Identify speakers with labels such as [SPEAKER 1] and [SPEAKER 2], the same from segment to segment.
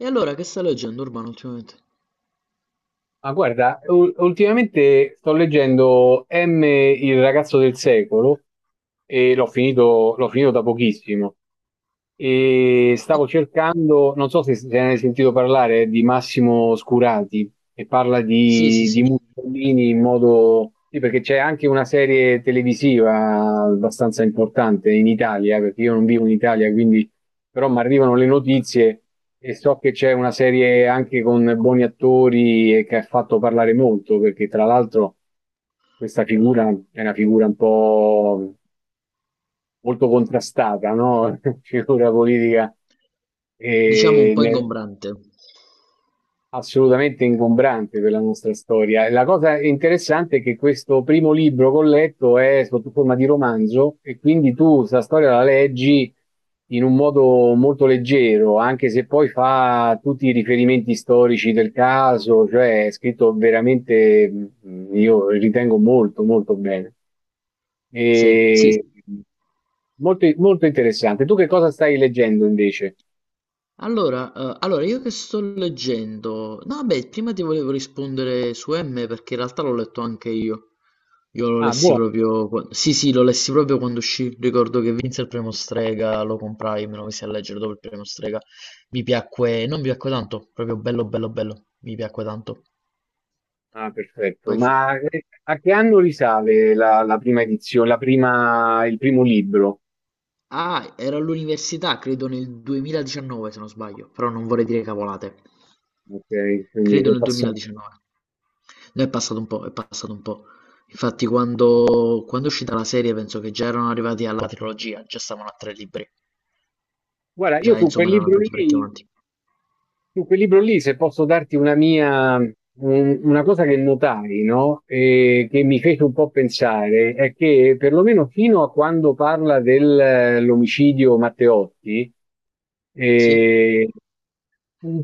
[SPEAKER 1] E allora che stai leggendo, Urbano, ultimamente?
[SPEAKER 2] Ma guarda, ultimamente sto leggendo M, il ragazzo del secolo, e l'ho finito da pochissimo. E stavo
[SPEAKER 1] Oh,
[SPEAKER 2] cercando, non so se, se ne hai sentito parlare, di Massimo Scurati, e parla
[SPEAKER 1] sì, sì,
[SPEAKER 2] di
[SPEAKER 1] sì,
[SPEAKER 2] Mussolini in modo... Sì, perché c'è anche una serie televisiva abbastanza importante in Italia, perché io non vivo in Italia, quindi però mi arrivano le notizie e so che c'è una serie anche con buoni attori e che ha fatto parlare molto, perché tra l'altro questa figura è una figura un po' molto contrastata, no? Figura politica.
[SPEAKER 1] diciamo un
[SPEAKER 2] E
[SPEAKER 1] po'
[SPEAKER 2] ne-
[SPEAKER 1] ingombrante.
[SPEAKER 2] Assolutamente ingombrante per la nostra storia. La cosa interessante è che questo primo libro che ho letto è sotto forma di romanzo e quindi tu questa storia la leggi in un modo molto leggero, anche se poi fa tutti i riferimenti storici del caso, cioè è scritto veramente, io ritengo molto, molto bene.
[SPEAKER 1] Sì, sì.
[SPEAKER 2] E molto, molto interessante. Tu che cosa stai leggendo invece?
[SPEAKER 1] Allora, allora, io che sto leggendo... No, vabbè, prima ti volevo rispondere su M perché in realtà l'ho letto anche io. Io lo
[SPEAKER 2] Ah,
[SPEAKER 1] lessi
[SPEAKER 2] buono.
[SPEAKER 1] proprio... Sì, sì, lo lessi proprio quando uscì. Ricordo che vinse il premio Strega, lo comprai, me lo messi a leggere dopo il premio Strega. Mi piacque... Non mi piacque tanto, proprio bello, bello, bello. Mi piacque tanto.
[SPEAKER 2] Ah, perfetto.
[SPEAKER 1] Poi fu...
[SPEAKER 2] Ma a che anno risale la prima edizione, il primo libro?
[SPEAKER 1] Ah, ero all'università, credo nel 2019 se non sbaglio, però non vorrei dire cavolate.
[SPEAKER 2] Ok, quindi
[SPEAKER 1] Credo
[SPEAKER 2] è
[SPEAKER 1] nel
[SPEAKER 2] passato.
[SPEAKER 1] 2019. No, è passato un po', è passato un po'. Infatti quando è uscita la serie penso che già erano arrivati alla trilogia, già stavano a tre libri.
[SPEAKER 2] Guarda, io
[SPEAKER 1] Già
[SPEAKER 2] su quel
[SPEAKER 1] insomma erano
[SPEAKER 2] libro
[SPEAKER 1] andati parecchio
[SPEAKER 2] lì.
[SPEAKER 1] avanti.
[SPEAKER 2] Su quel libro lì, se posso darti una mia, una cosa che notai, no? E che mi fece un po' pensare, è che perlomeno fino a quando parla dell'omicidio Matteotti,
[SPEAKER 1] Sì?
[SPEAKER 2] eh,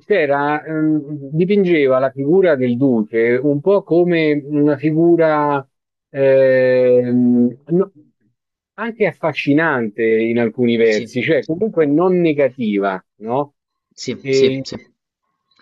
[SPEAKER 2] c'era, dipingeva la figura del duce un po' come una figura ehm, no- anche affascinante in alcuni
[SPEAKER 1] Sì,
[SPEAKER 2] versi, cioè comunque non negativa, no?
[SPEAKER 1] sì, sì,
[SPEAKER 2] E
[SPEAKER 1] sì,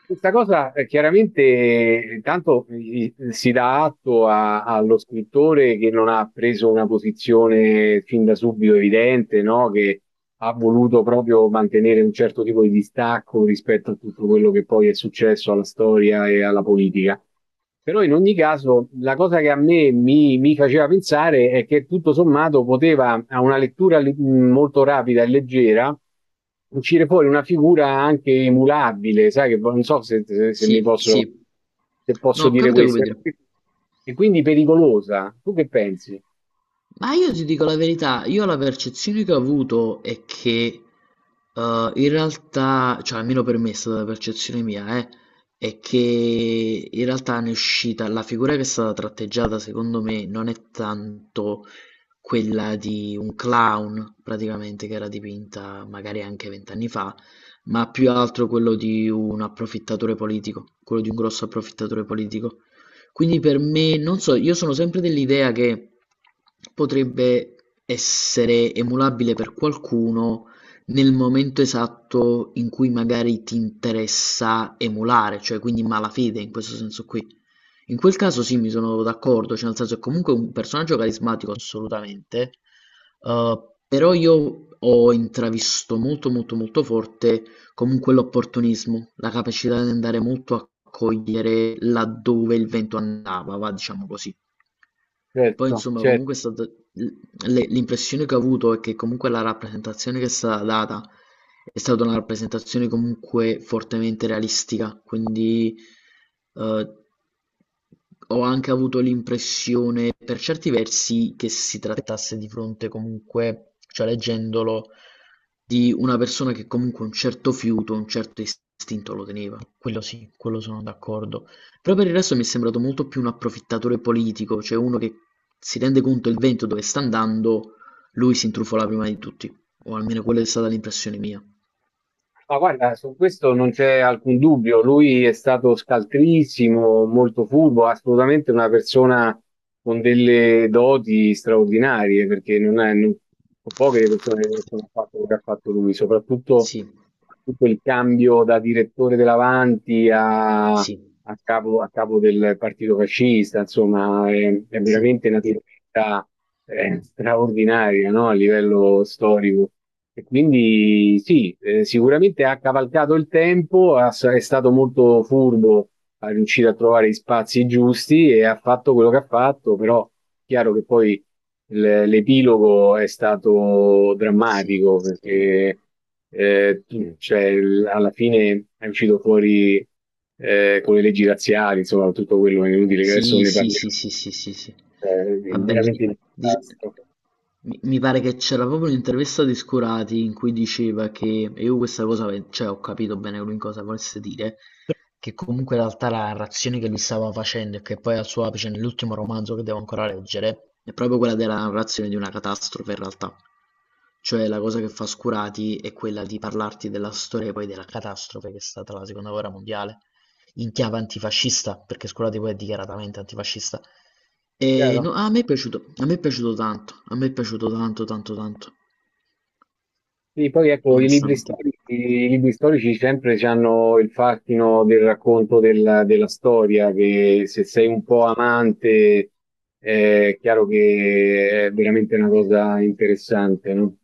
[SPEAKER 2] questa cosa chiaramente tanto si dà atto allo scrittore che non ha preso una posizione fin da subito evidente, no? Che ha voluto proprio mantenere un certo tipo di distacco rispetto a tutto quello che poi è successo alla storia e alla politica. Però in ogni caso la cosa che a me mi faceva pensare è che tutto sommato poteva, a una lettura molto rapida e leggera, uscire fuori una figura anche emulabile, sai che non so se, se mi
[SPEAKER 1] sì,
[SPEAKER 2] posso,
[SPEAKER 1] sì.
[SPEAKER 2] se
[SPEAKER 1] No,
[SPEAKER 2] posso
[SPEAKER 1] ho
[SPEAKER 2] dire
[SPEAKER 1] capito che vuoi
[SPEAKER 2] questo,
[SPEAKER 1] dire.
[SPEAKER 2] e quindi pericolosa. Tu che pensi?
[SPEAKER 1] Ma io ti dico la verità, io la percezione che ho avuto è che in realtà, cioè almeno per me è stata la percezione mia, è che in realtà ne è uscita, la figura che è stata tratteggiata secondo me non è tanto quella di un clown praticamente, che era dipinta magari anche vent'anni fa, ma più altro quello di un approfittatore politico, quello di un grosso approfittatore politico. Quindi per me, non so, io sono sempre dell'idea che potrebbe essere emulabile per qualcuno nel momento esatto in cui magari ti interessa emulare, cioè quindi malafede in questo senso qui. In quel caso sì, mi sono d'accordo, cioè nel senso è comunque un personaggio carismatico assolutamente, eh, però io ho intravisto molto molto molto forte comunque l'opportunismo, la capacità di andare molto a cogliere laddove il vento andava, va diciamo così. Poi
[SPEAKER 2] Certo,
[SPEAKER 1] insomma comunque
[SPEAKER 2] certo.
[SPEAKER 1] è stata l- le- l'impressione che ho avuto è che comunque la rappresentazione che è stata data è stata una rappresentazione comunque fortemente realistica, quindi eh, ho anche avuto l'impressione per certi versi che si trattasse di fronte comunque, cioè leggendolo, di una persona che comunque un certo fiuto, un certo istinto lo teneva. Quello sì, quello sono d'accordo. Però per il resto mi è sembrato molto più un approfittatore politico, cioè uno che si rende conto il vento dove sta andando, lui si intrufola prima di tutti, o almeno quella è stata l'impressione mia.
[SPEAKER 2] Ma guarda, su questo non c'è alcun dubbio, lui è stato scaltrissimo, molto furbo, assolutamente una persona con delle doti straordinarie, perché non è, non- sono poche le persone che hanno fatto quello che ha fatto lui, soprattutto
[SPEAKER 1] Sì,
[SPEAKER 2] tutto il cambio da direttore dell'Avanti
[SPEAKER 1] sì,
[SPEAKER 2] a capo del partito fascista, insomma, è
[SPEAKER 1] sì,
[SPEAKER 2] veramente una. Sì, tremenda, straordinaria, no? A livello storico. E quindi sì, sicuramente ha cavalcato il tempo, è stato molto furbo, ha riuscito a trovare gli spazi giusti e ha fatto quello che ha fatto, però è chiaro che poi l'epilogo è stato
[SPEAKER 1] sì,
[SPEAKER 2] drammatico perché cioè, alla fine è uscito fuori, con le leggi razziali, insomma, tutto quello è inutile che adesso
[SPEAKER 1] sì,
[SPEAKER 2] ne
[SPEAKER 1] sì,
[SPEAKER 2] parliamo,
[SPEAKER 1] sì, sì, sì, sì, sì.
[SPEAKER 2] è
[SPEAKER 1] Vabbè,
[SPEAKER 2] veramente
[SPEAKER 1] lì-
[SPEAKER 2] un
[SPEAKER 1] dice-
[SPEAKER 2] disastro.
[SPEAKER 1] mi pare che c'era proprio un'intervista di Scorati in cui diceva che, e io questa cosa, cioè ho capito bene lui in cosa volesse dire, che comunque in realtà la narrazione che lui stava facendo e che poi è al suo apice nell'ultimo romanzo che devo ancora leggere, è proprio quella della narrazione di una catastrofe in realtà. Cioè la cosa che fa Scurati è quella di parlarti della storia e poi della catastrofe che è stata la seconda guerra mondiale, in chiave antifascista, perché Scurati poi è dichiaratamente antifascista. E
[SPEAKER 2] Chiaro.
[SPEAKER 1] no, a me è piaciuto, a me è piaciuto tanto, a me è piaciuto tanto, tanto, tanto,
[SPEAKER 2] Sì, poi ecco,
[SPEAKER 1] onestamente.
[SPEAKER 2] i libri storici sempre hanno il fascino del racconto della storia, che se sei
[SPEAKER 1] Sì.
[SPEAKER 2] un po' amante è chiaro che è veramente una cosa interessante, no?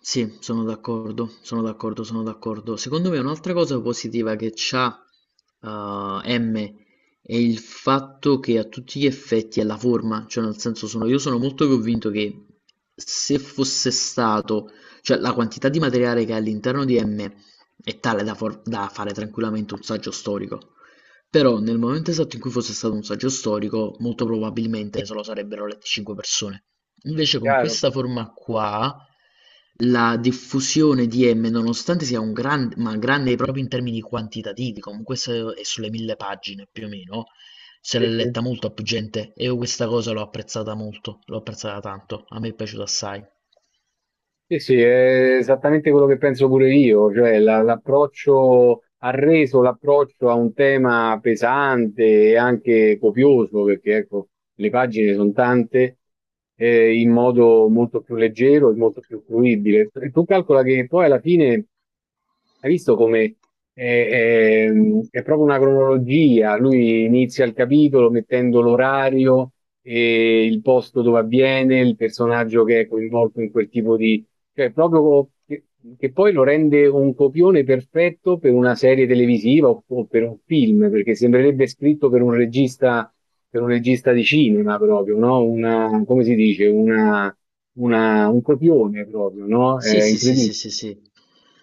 [SPEAKER 1] Sì, sono d'accordo, sono d'accordo, sono d'accordo. Secondo me un'altra cosa positiva che c'ha M è il fatto che a tutti gli effetti è la forma, cioè nel senso sono, io sono molto convinto che se fosse stato, cioè la quantità di materiale che è all'interno di M è tale da, da fare tranquillamente un saggio storico. Però nel momento esatto in cui fosse stato un saggio storico, molto probabilmente se lo sarebbero lette 5 persone. Invece con
[SPEAKER 2] Chiaro?
[SPEAKER 1] questa forma qua, la diffusione di M, nonostante sia un grande, ma grande proprio in termini quantitativi, comunque è sulle 1000 pagine più o meno, se l'è
[SPEAKER 2] Sì, sì.
[SPEAKER 1] letta molto a più gente e io questa cosa l'ho apprezzata molto, l'ho apprezzata tanto, a me è piaciuta assai.
[SPEAKER 2] Sì, sì, è esattamente quello che penso pure io, cioè l'approccio ha reso l'approccio a un tema pesante e anche copioso, perché ecco, le pagine sono tante, in modo molto più leggero e molto più fruibile. Tu calcola che poi alla fine hai visto come è, è- è proprio una cronologia, lui inizia il capitolo mettendo l'orario e il posto dove avviene, il personaggio che è coinvolto in quel tipo, cioè, proprio che poi lo rende un copione perfetto per una serie televisiva o per un film, perché sembrerebbe scritto per un regista di cinema proprio, no? Una, come si dice? Una, un copione proprio, no?
[SPEAKER 1] Sì,
[SPEAKER 2] È
[SPEAKER 1] sì, sì,
[SPEAKER 2] incredibile.
[SPEAKER 1] sì, sì, sì.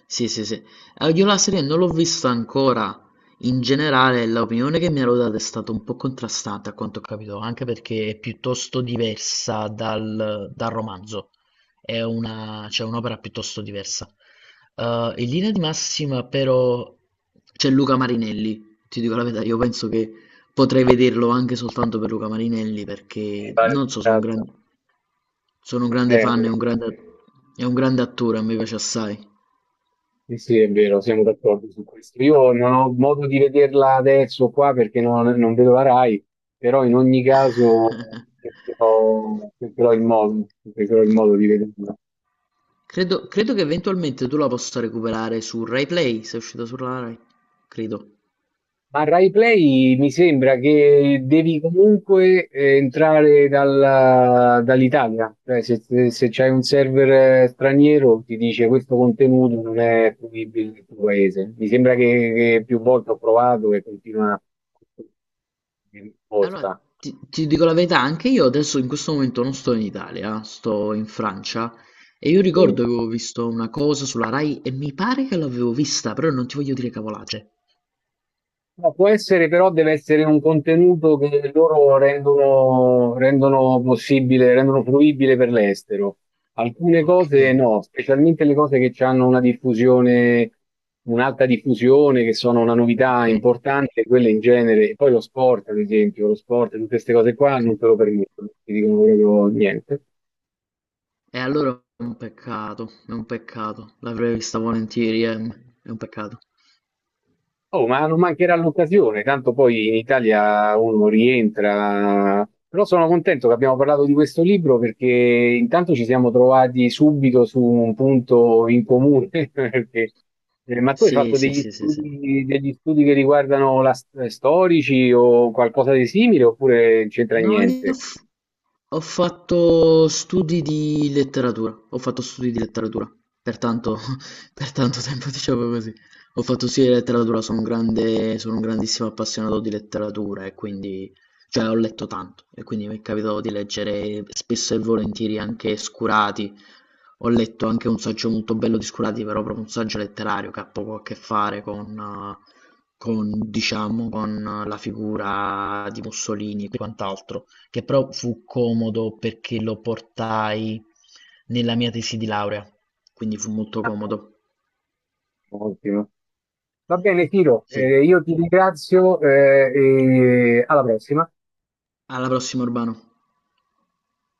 [SPEAKER 1] Sì, sì, sì. Io la serie non l'ho vista ancora. In generale, l'opinione che mi hanno dato è stata un po' contrastante, a quanto ho capito, anche perché è piuttosto diversa dal romanzo. È una, cioè, un'opera piuttosto diversa. In linea di massima, però, c'è Luca Marinelli. Ti dico la verità, io penso che potrei vederlo anche soltanto per Luca Marinelli, perché non so, sono un grande. Sono un grande
[SPEAKER 2] Eh,
[SPEAKER 1] fan, è un grande attore, a me piace assai.
[SPEAKER 2] Sì, sì, è vero, siamo d'accordo su questo. Io non ho modo di vederla adesso qua perché non vedo la Rai, però in ogni caso cercherò, cercherò il modo di vederla.
[SPEAKER 1] Credo, credo che eventualmente tu la possa recuperare su Rai Play, se è uscita sulla Rai, credo.
[SPEAKER 2] Ma Rai Play mi sembra che devi comunque entrare dall'Italia, cioè se, se se c'hai un server straniero ti dice questo contenuto non è fruibile nel tuo paese. Mi sembra che più volte ho provato e continua di
[SPEAKER 1] Allora,
[SPEAKER 2] risposta.
[SPEAKER 1] ti dico la verità, anche io adesso in questo momento non sto in Italia, sto in Francia e io
[SPEAKER 2] Sì.
[SPEAKER 1] ricordo che avevo visto una cosa sulla Rai e mi pare che l'avevo vista, però non ti voglio dire cavolate.
[SPEAKER 2] No, può essere, però deve essere un contenuto che loro rendono, rendono possibile, rendono fruibile per l'estero. Alcune
[SPEAKER 1] Ok,
[SPEAKER 2] cose no, specialmente le cose che hanno una diffusione, un'alta diffusione, che sono una novità
[SPEAKER 1] ok,
[SPEAKER 2] importante, quelle in genere, e poi lo sport, ad esempio, lo sport, tutte queste cose qua
[SPEAKER 1] ok.
[SPEAKER 2] non te lo permettono, ti dicono proprio niente.
[SPEAKER 1] E allora è un peccato, è un peccato. L'avrei vista volentieri, è un peccato.
[SPEAKER 2] Oh, ma non mancherà l'occasione, tanto poi in Italia uno rientra. Però sono contento che abbiamo parlato di questo libro perché intanto ci siamo trovati subito su un punto in comune. perché- ma tu hai
[SPEAKER 1] Sì,
[SPEAKER 2] fatto
[SPEAKER 1] sì, sì, sì, sì.
[SPEAKER 2] degli studi che riguardano la, storici o qualcosa di simile oppure non c'entra
[SPEAKER 1] No,
[SPEAKER 2] niente?
[SPEAKER 1] ho fatto studi di letteratura, ho fatto studi di letteratura, per tanto, per tanto tempo diciamo così. Ho fatto studi di letteratura, sono un grande, sono un grandissimo appassionato di letteratura e quindi, cioè ho letto tanto e quindi mi è capitato di leggere spesso e volentieri anche Scurati. Ho letto anche un saggio molto bello di Scurati, però proprio un saggio letterario che ha poco a che fare eh, con, diciamo, con la figura di Mussolini e quant'altro, che però fu comodo perché lo portai nella mia tesi di laurea, quindi fu molto
[SPEAKER 2] Ah,
[SPEAKER 1] comodo.
[SPEAKER 2] ottimo. Va bene, Tiro,
[SPEAKER 1] Sì.
[SPEAKER 2] io ti ringrazio, e alla prossima.
[SPEAKER 1] Alla prossima, Urbano.